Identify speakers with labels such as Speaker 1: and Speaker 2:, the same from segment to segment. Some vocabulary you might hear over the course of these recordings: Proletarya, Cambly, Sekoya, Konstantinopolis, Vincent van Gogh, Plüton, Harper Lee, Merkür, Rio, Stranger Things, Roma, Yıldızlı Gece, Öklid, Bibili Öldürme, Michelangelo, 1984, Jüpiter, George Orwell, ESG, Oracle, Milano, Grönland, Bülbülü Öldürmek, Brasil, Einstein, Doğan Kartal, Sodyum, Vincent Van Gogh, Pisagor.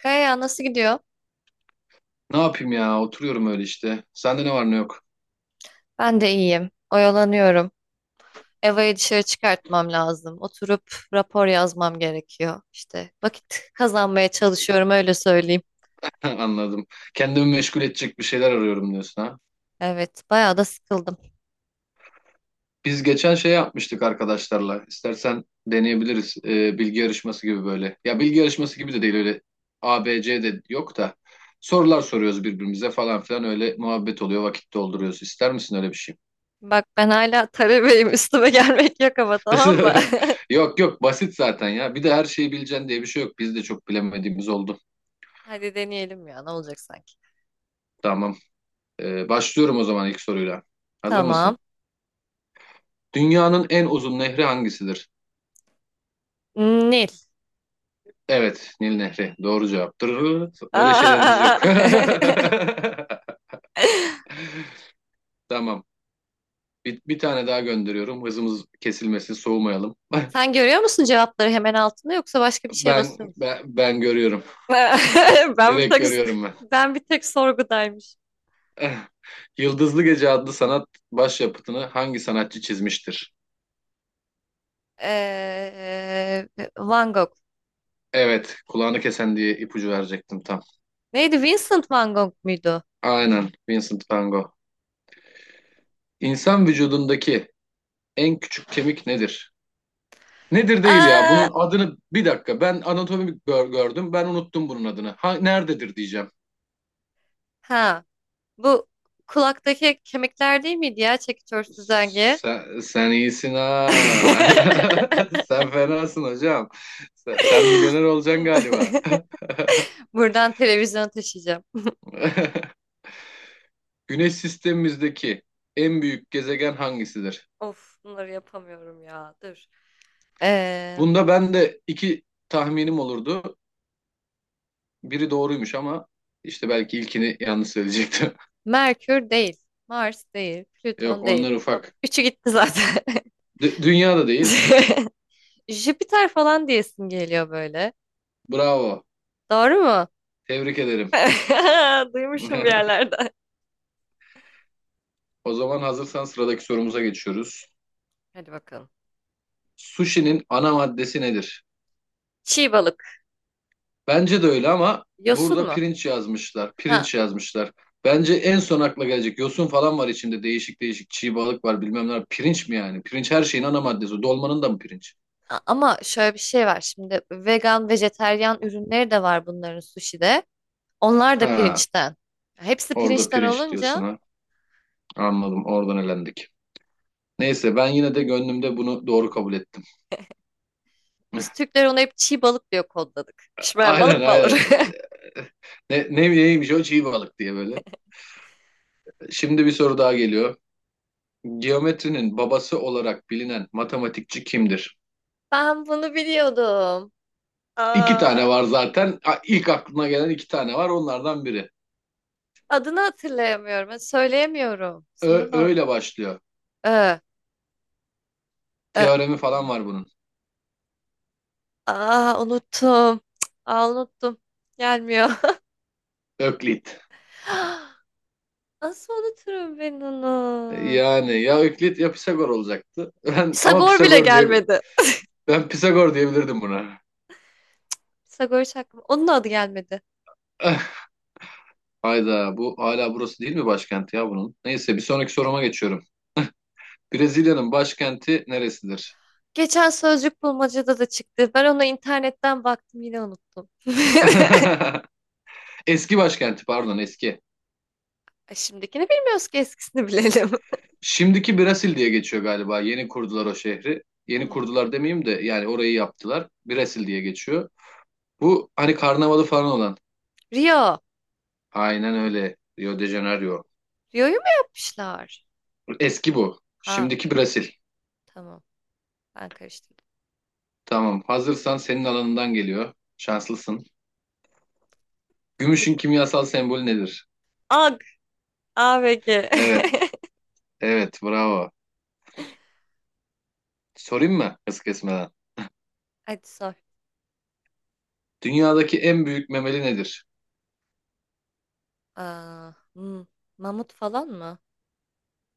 Speaker 1: Kaya nasıl gidiyor?
Speaker 2: Ne yapayım ya? Oturuyorum öyle işte. Sende ne var ne yok.
Speaker 1: Ben de iyiyim. Oyalanıyorum. Eva'yı dışarı çıkartmam lazım. Oturup rapor yazmam gerekiyor. İşte vakit kazanmaya çalışıyorum öyle söyleyeyim.
Speaker 2: Anladım. Kendimi meşgul edecek bir şeyler arıyorum diyorsun ha.
Speaker 1: Evet, bayağı da sıkıldım.
Speaker 2: Biz geçen şey yapmıştık arkadaşlarla. İstersen deneyebiliriz. Bilgi yarışması gibi böyle. Ya bilgi yarışması gibi de değil öyle. A, B, C de yok da. Sorular soruyoruz birbirimize falan filan öyle muhabbet oluyor vakit dolduruyoruz. İster misin öyle bir şey?
Speaker 1: Bak ben hala talebeyim. Üstüme gelmek yok ama tamam mı?
Speaker 2: Yok yok basit zaten ya. Bir de her şeyi bileceksin diye bir şey yok. Biz de çok bilemediğimiz oldu.
Speaker 1: Hadi deneyelim ya ne olacak sanki.
Speaker 2: Tamam. Başlıyorum o zaman ilk soruyla. Hazır
Speaker 1: Tamam.
Speaker 2: mısın? Dünyanın en uzun nehri hangisidir?
Speaker 1: Nil.
Speaker 2: Evet, Nil Nehri. Doğru cevaptır. Öyle şeylerimiz
Speaker 1: Aa!
Speaker 2: yok. Tamam. Bir tane daha gönderiyorum. Hızımız kesilmesin, soğumayalım.
Speaker 1: Sen görüyor musun cevapları hemen altında yoksa başka bir şeye basıyor
Speaker 2: Ben,
Speaker 1: musun?
Speaker 2: ben ben görüyorum.
Speaker 1: Ben bir
Speaker 2: Direkt
Speaker 1: tek
Speaker 2: görüyorum ben.
Speaker 1: ben bir tek sorgudaymış.
Speaker 2: Yıldızlı Gece adlı sanat başyapıtını hangi sanatçı çizmiştir?
Speaker 1: Ee, Van Gogh.
Speaker 2: Evet, kulağını kesen diye ipucu verecektim tam.
Speaker 1: Neydi? Vincent Van Gogh muydu?
Speaker 2: Aynen, Vincent van Gogh. İnsan vücudundaki en küçük kemik nedir? Nedir değil ya.
Speaker 1: Aa,
Speaker 2: Bunun adını bir dakika. Ben anatomi gördüm. Ben unuttum bunun adını. Ha, nerededir diyeceğim.
Speaker 1: ha. Bu kulaktaki kemikler değil miydi ya çekiç örsüz dengi?
Speaker 2: Sen iyisin ha. Sen fenasın hocam. Sen milyoner olacaksın galiba.
Speaker 1: Buradan televizyona taşıyacağım.
Speaker 2: Güneş sistemimizdeki en büyük gezegen hangisidir?
Speaker 1: Of, bunları yapamıyorum ya. Dur. Ee,
Speaker 2: Bunda ben de iki tahminim olurdu. Biri doğruymuş ama işte belki ilkini yanlış söyleyecektim.
Speaker 1: Merkür değil. Mars değil.
Speaker 2: Yok,
Speaker 1: Plüton değil.
Speaker 2: onlar
Speaker 1: Hop,
Speaker 2: ufak.
Speaker 1: üçü gitti zaten.
Speaker 2: Dünya da değil.
Speaker 1: Jüpiter falan diyesim geliyor böyle.
Speaker 2: Bravo.
Speaker 1: Doğru mu?
Speaker 2: Tebrik ederim.
Speaker 1: Duymuşum bir yerlerden.
Speaker 2: O zaman hazırsan sıradaki sorumuza geçiyoruz.
Speaker 1: Hadi bakalım.
Speaker 2: Sushi'nin ana maddesi nedir?
Speaker 1: Çiğ balık.
Speaker 2: Bence de öyle ama
Speaker 1: Yosun
Speaker 2: burada
Speaker 1: mu?
Speaker 2: pirinç yazmışlar.
Speaker 1: Ha.
Speaker 2: Pirinç yazmışlar. Bence en son akla gelecek yosun falan var içinde. Değişik değişik çiğ balık var bilmem ne. Pirinç mi yani? Pirinç her şeyin ana maddesi. Dolmanın da mı pirinç?
Speaker 1: Ama şöyle bir şey var. Şimdi vegan, vejeteryan ürünleri de var bunların sushi'de. Onlar da
Speaker 2: Ha,
Speaker 1: pirinçten. Hepsi
Speaker 2: orada
Speaker 1: pirinçten
Speaker 2: pirinç diyorsun
Speaker 1: olunca
Speaker 2: ha. Anladım. Oradan elendik. Neyse ben yine de gönlümde bunu doğru kabul ettim.
Speaker 1: biz Türkler ona hep çiğ balık diyor kodladık. Pişmeyen
Speaker 2: Aynen,
Speaker 1: balık mı olur?
Speaker 2: aynen. Neymiş o çiğ balık diye böyle. Şimdi bir soru daha geliyor. Geometrinin babası olarak bilinen matematikçi kimdir?
Speaker 1: Ben bunu biliyordum.
Speaker 2: İki tane
Speaker 1: Aa,
Speaker 2: var zaten. İlk aklına gelen iki tane var. Onlardan biri.
Speaker 1: adını hatırlayamıyorum. Söyleyemiyorum.
Speaker 2: Ö
Speaker 1: Sorun o.
Speaker 2: öyle başlıyor.
Speaker 1: Ee, e,
Speaker 2: Teoremi falan var bunun.
Speaker 1: aa, unuttum. Cık, aa, unuttum. Gelmiyor.
Speaker 2: Öklit.
Speaker 1: Nasıl unuturum ben onu?
Speaker 2: Yani ya Öklit ya Pisagor olacaktı. Ben ama
Speaker 1: Sagor bile
Speaker 2: Pisagor diye
Speaker 1: gelmedi.
Speaker 2: ben Pisagor diyebilirdim buna.
Speaker 1: Sagor hiç aklıma. Onun adı gelmedi.
Speaker 2: Hayda, bu hala burası değil mi başkenti ya bunun? Neyse, bir sonraki soruma geçiyorum. Brezilya'nın başkenti neresidir?
Speaker 1: Geçen sözcük bulmacada da çıktı. Ben ona internetten baktım yine unuttum.
Speaker 2: Eski başkenti, pardon, eski.
Speaker 1: Ay, şimdikini bilmiyoruz ki eskisini bilelim.
Speaker 2: Şimdiki Brasil diye geçiyor galiba. Yeni kurdular o şehri. Yeni
Speaker 1: Hmm.
Speaker 2: kurdular demeyeyim de, yani orayı yaptılar. Brasil diye geçiyor. Bu hani karnavalı falan olan.
Speaker 1: Rio.
Speaker 2: Aynen öyle. Rio de Janeiro.
Speaker 1: Rio'yu mu yapmışlar?
Speaker 2: Eski bu.
Speaker 1: Ha,
Speaker 2: Şimdiki Brasil.
Speaker 1: tamam. Ben karıştırdım.
Speaker 2: Tamam. Hazırsan senin alanından geliyor. Şanslısın. Gümüşün
Speaker 1: Hadi.
Speaker 2: kimyasal sembolü nedir?
Speaker 1: Ag. A ve G.
Speaker 2: Evet. Evet. Bravo. Sorayım mı? Hız kesmeden.
Speaker 1: Hadi sor.
Speaker 2: Dünyadaki en büyük memeli nedir?
Speaker 1: Aa, hmm. Mamut falan mı?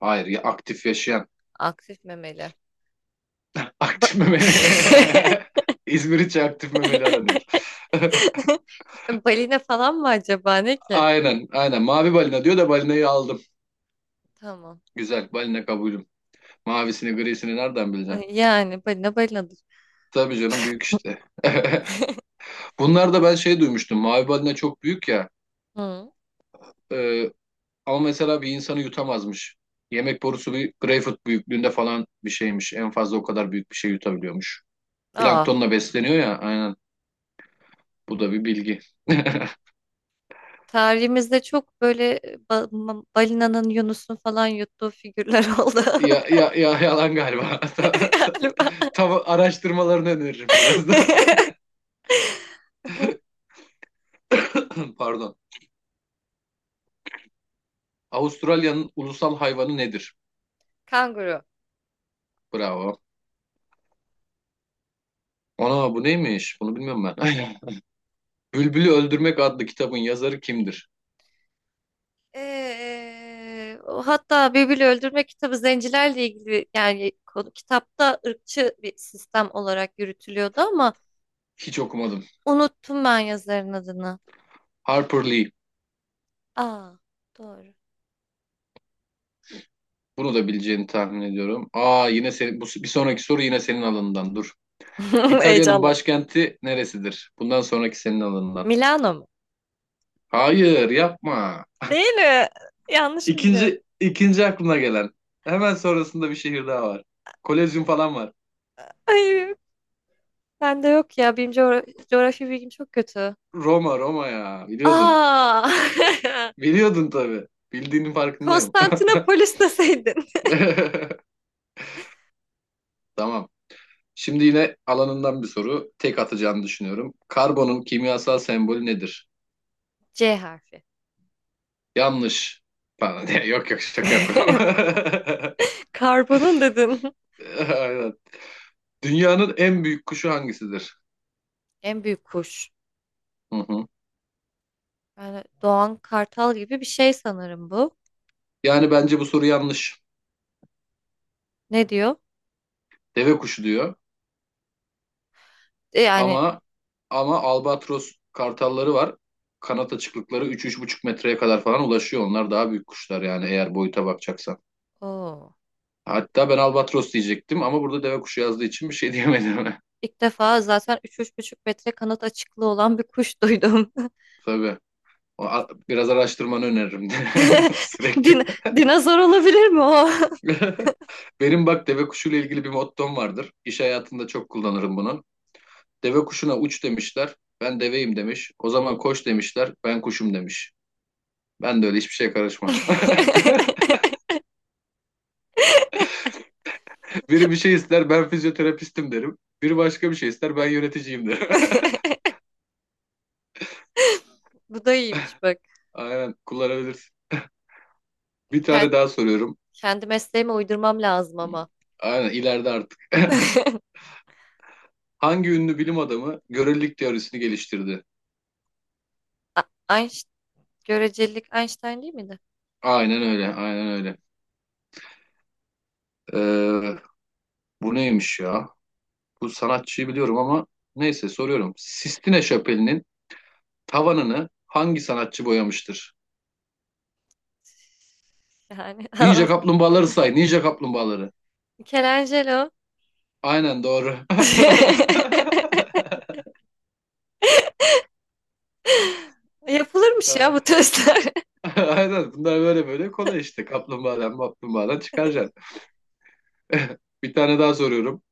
Speaker 2: Hayır. Ya aktif yaşayan.
Speaker 1: Aktif memeli. Ba-
Speaker 2: Aktif memeli. İzmir için aktif memeli aranıyor.
Speaker 1: Balina falan mı acaba ne ki?
Speaker 2: Aynen, aynen. Mavi balina diyor da balinayı aldım.
Speaker 1: Tamam.
Speaker 2: Güzel, balina kabulüm. Mavisini, grisini nereden bileceksin?
Speaker 1: Ay, yani balina balinadır.
Speaker 2: Tabii canım, büyük işte. Bunlar da ben şey duymuştum. Mavi balina çok büyük ya.
Speaker 1: Hı.
Speaker 2: Ee, ama mesela bir insanı yutamazmış. Yemek borusu bir greyfurt büyüklüğünde falan bir şeymiş. En fazla o kadar büyük bir şey yutabiliyormuş.
Speaker 1: Aa,
Speaker 2: Planktonla besleniyor ya. Aynen. Bu da bir bilgi.
Speaker 1: tarihimizde çok böyle balinanın Yunus'un falan yuttuğu figürler oldu
Speaker 2: Ya, ya, ya yalan galiba.
Speaker 1: galiba.
Speaker 2: Tam araştırmalarını öneririm biraz da. Pardon. Avustralya'nın ulusal hayvanı nedir?
Speaker 1: Kanguru.
Speaker 2: Bravo. Ana bu neymiş? Bunu bilmiyorum ben. Bülbülü Öldürmek adlı kitabın yazarı kimdir?
Speaker 1: O hatta Bibili Öldürme kitabı zencilerle ilgili yani kitapta ırkçı bir sistem olarak yürütülüyordu ama
Speaker 2: Hiç okumadım.
Speaker 1: unuttum ben yazarın adını.
Speaker 2: Harper Lee.
Speaker 1: Aa, doğru.
Speaker 2: Bunu da bileceğini tahmin ediyorum. Aa, yine senin, bu, bir sonraki soru yine senin alanından. Dur. İtalya'nın
Speaker 1: Heyecandan.
Speaker 2: başkenti neresidir? Bundan sonraki senin alanından.
Speaker 1: Milano mu?
Speaker 2: Hayır, yapma.
Speaker 1: Değil mi? Yanlış mı biliyorum?
Speaker 2: İkinci, ikinci aklına gelen. Hemen sonrasında bir şehir daha var. Kolezyum falan var.
Speaker 1: Ay, ben de yok ya. Benim coğrafya bilgim çok kötü.
Speaker 2: Roma, Roma ya. Biliyordun.
Speaker 1: Aa!
Speaker 2: Biliyordun tabii. Bildiğinin farkındayım.
Speaker 1: Konstantinopolis deseydin.
Speaker 2: Tamam. Şimdi yine alanından bir soru. Tek atacağını düşünüyorum. Karbonun kimyasal sembolü nedir?
Speaker 1: C harfi.
Speaker 2: Yanlış. Pardon. Yok, yok, şaka yapıyorum.
Speaker 1: Karbonun dedin.
Speaker 2: Aynen. Dünyanın en büyük kuşu hangisidir?
Speaker 1: En büyük kuş.
Speaker 2: Hı hı.
Speaker 1: Yani Doğan Kartal gibi bir şey sanırım bu.
Speaker 2: Yani bence bu soru yanlış.
Speaker 1: Ne diyor?
Speaker 2: Deve kuşu diyor.
Speaker 1: Yani
Speaker 2: Ama albatros kartalları var. Kanat açıklıkları üç üç buçuk metreye kadar falan ulaşıyor. Onlar daha büyük kuşlar yani, eğer boyuta bakacaksan.
Speaker 1: o
Speaker 2: Hatta ben albatros diyecektim ama burada deve kuşu yazdığı için bir şey diyemedim.
Speaker 1: ilk defa zaten 3-3,5 metre kanat açıklığı olan bir kuş duydum.
Speaker 2: Tabii. Biraz araştırmanı öneririm de sürekli.
Speaker 1: Din dinozor olabilir mi o?
Speaker 2: Benim bak deve kuşuyla ilgili bir mottom vardır. İş hayatında çok kullanırım bunu. Deve kuşuna uç demişler. Ben deveyim demiş. O zaman koş demişler. Ben kuşum demiş. Ben de öyle hiçbir şeye karışmam. Biri bir şey ister, ben fizyoterapistim derim. Biri başka bir şey ister, ben yöneticiyim derim.
Speaker 1: Bu da iyiymiş bak.
Speaker 2: Aynen kullanabilirsin. Bir
Speaker 1: Kendi,
Speaker 2: tane daha soruyorum.
Speaker 1: kendi mesleğime uydurmam lazım
Speaker 2: Hmm.
Speaker 1: ama.
Speaker 2: Aynen ileride artık. Hangi ünlü bilim adamı görelilik teorisini geliştirdi?
Speaker 1: A- Einst- görecelik Einstein değil miydi?
Speaker 2: Aynen öyle, aynen öyle. Ee, Bu neymiş ya? Bu sanatçıyı biliyorum ama neyse soruyorum. Sistine Şapeli'nin tavanını hangi sanatçı boyamıştır?
Speaker 1: Yani
Speaker 2: Ninja kaplumbağaları say. Ninja kaplumbağaları.
Speaker 1: Michelangelo.
Speaker 2: Aynen, doğru.
Speaker 1: Yapılırmış ya bu testler.
Speaker 2: Aynen, bunlar böyle böyle kolay işte. Kaplumbağadan kaplumbağadan çıkaracaksın. Bir tane daha soruyorum.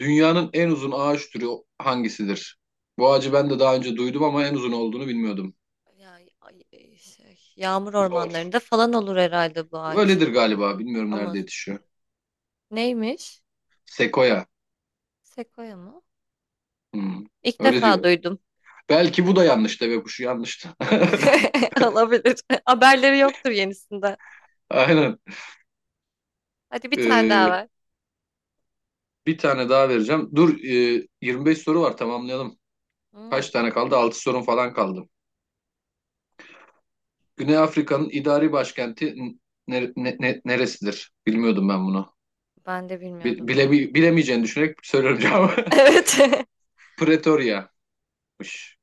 Speaker 2: Dünyanın en uzun ağaç türü hangisidir? Bu ağacı ben de daha önce duydum ama en uzun olduğunu bilmiyordum.
Speaker 1: Ya, ay, şey, yağmur
Speaker 2: Zor.
Speaker 1: ormanlarında falan olur herhalde bu ağaç.
Speaker 2: Öyledir galiba. Bilmiyorum
Speaker 1: Ama
Speaker 2: nerede yetişiyor.
Speaker 1: neymiş?
Speaker 2: Sekoya.
Speaker 1: Sekoya mı?
Speaker 2: Hmm,
Speaker 1: İlk
Speaker 2: öyle
Speaker 1: defa
Speaker 2: diyor.
Speaker 1: duydum.
Speaker 2: Belki bu da yanlış, deve kuşu yanlış da.
Speaker 1: Olabilir. Haberleri yoktur yenisinden.
Speaker 2: Aynen.
Speaker 1: Hadi bir tane daha
Speaker 2: Ee,
Speaker 1: ver.
Speaker 2: bir tane daha vereceğim. Dur, 25 soru var, tamamlayalım.
Speaker 1: Hmm,
Speaker 2: Kaç tane kaldı? 6 sorun falan kaldı. Güney Afrika'nın idari başkenti neresidir? Bilmiyordum ben bunu.
Speaker 1: ben de
Speaker 2: Bi-
Speaker 1: bilmiyordum.
Speaker 2: Bile, bilemeyeceğini düşünerek söylüyorum cevabı.
Speaker 1: Evet.
Speaker 2: Pretoria'mış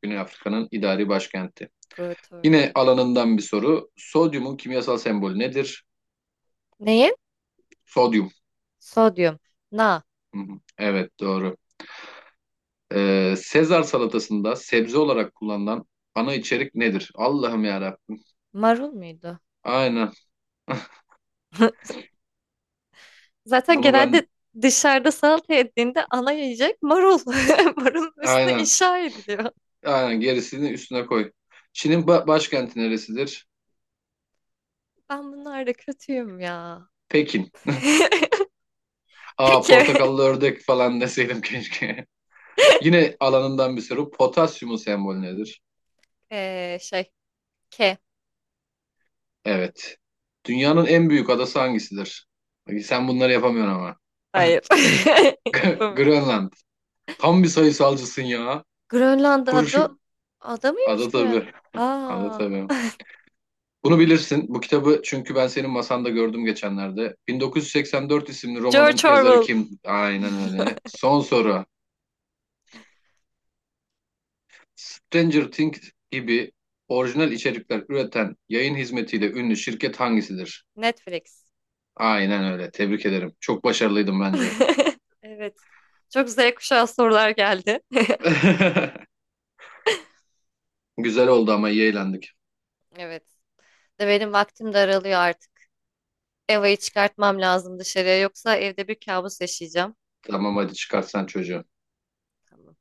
Speaker 2: Güney Afrika'nın idari başkenti.
Speaker 1: Proletarya.
Speaker 2: Yine alanından bir soru. Sodyumun kimyasal sembolü nedir?
Speaker 1: Neyin?
Speaker 2: Sodyum.
Speaker 1: Sodyum. Na.
Speaker 2: Hı hı. Evet, doğru. Sezar salatasında sebze olarak kullanılan ana içerik nedir? Allah'ım yarabbim.
Speaker 1: Marul muydu?
Speaker 2: Aynen.
Speaker 1: Zaten
Speaker 2: Bunu ben,
Speaker 1: genelde dışarıda salata yediğinde ana yiyecek marul. Marulun üstüne
Speaker 2: aynen.
Speaker 1: inşa ediliyor.
Speaker 2: Aynen, gerisini üstüne koy. Çin'in başkenti neresidir?
Speaker 1: Ben bunlarda kötüyüm ya.
Speaker 2: Pekin. Aa,
Speaker 1: Peki.
Speaker 2: portakallı ördek falan deseydim keşke. Yine alanından bir soru. Potasyumun sembolü nedir?
Speaker 1: Şey. K.
Speaker 2: Evet. Dünyanın en büyük adası hangisidir? Bak, sen bunları yapamıyorsun ama.
Speaker 1: Hayır. Bu-
Speaker 2: Grönland. Tam bir sayısalcısın ya.
Speaker 1: Grönland'da adı
Speaker 2: Kuruşu.
Speaker 1: ada mıymış
Speaker 2: Ada
Speaker 1: Grön?
Speaker 2: tabii. Ada
Speaker 1: Aa,
Speaker 2: tabii. Bunu bilirsin. Bu kitabı çünkü ben senin masanda gördüm geçenlerde. 1984 isimli romanın
Speaker 1: George
Speaker 2: yazarı
Speaker 1: Orwell.
Speaker 2: kim? Aynen öyle. Son soru. Stranger Things gibi orijinal içerikler üreten yayın hizmetiyle ünlü şirket hangisidir?
Speaker 1: Netflix.
Speaker 2: Aynen öyle. Tebrik ederim. Çok başarılıydım bence.
Speaker 1: Evet. Çok Z kuşağı sorular geldi.
Speaker 2: Güzel oldu, ama iyi eğlendik.
Speaker 1: Evet. De benim vaktim de aralıyor artık. Eva'yı çıkartmam lazım dışarıya yoksa evde bir kabus yaşayacağım.
Speaker 2: Tamam, hadi çıkart sen çocuğu.
Speaker 1: Tamam.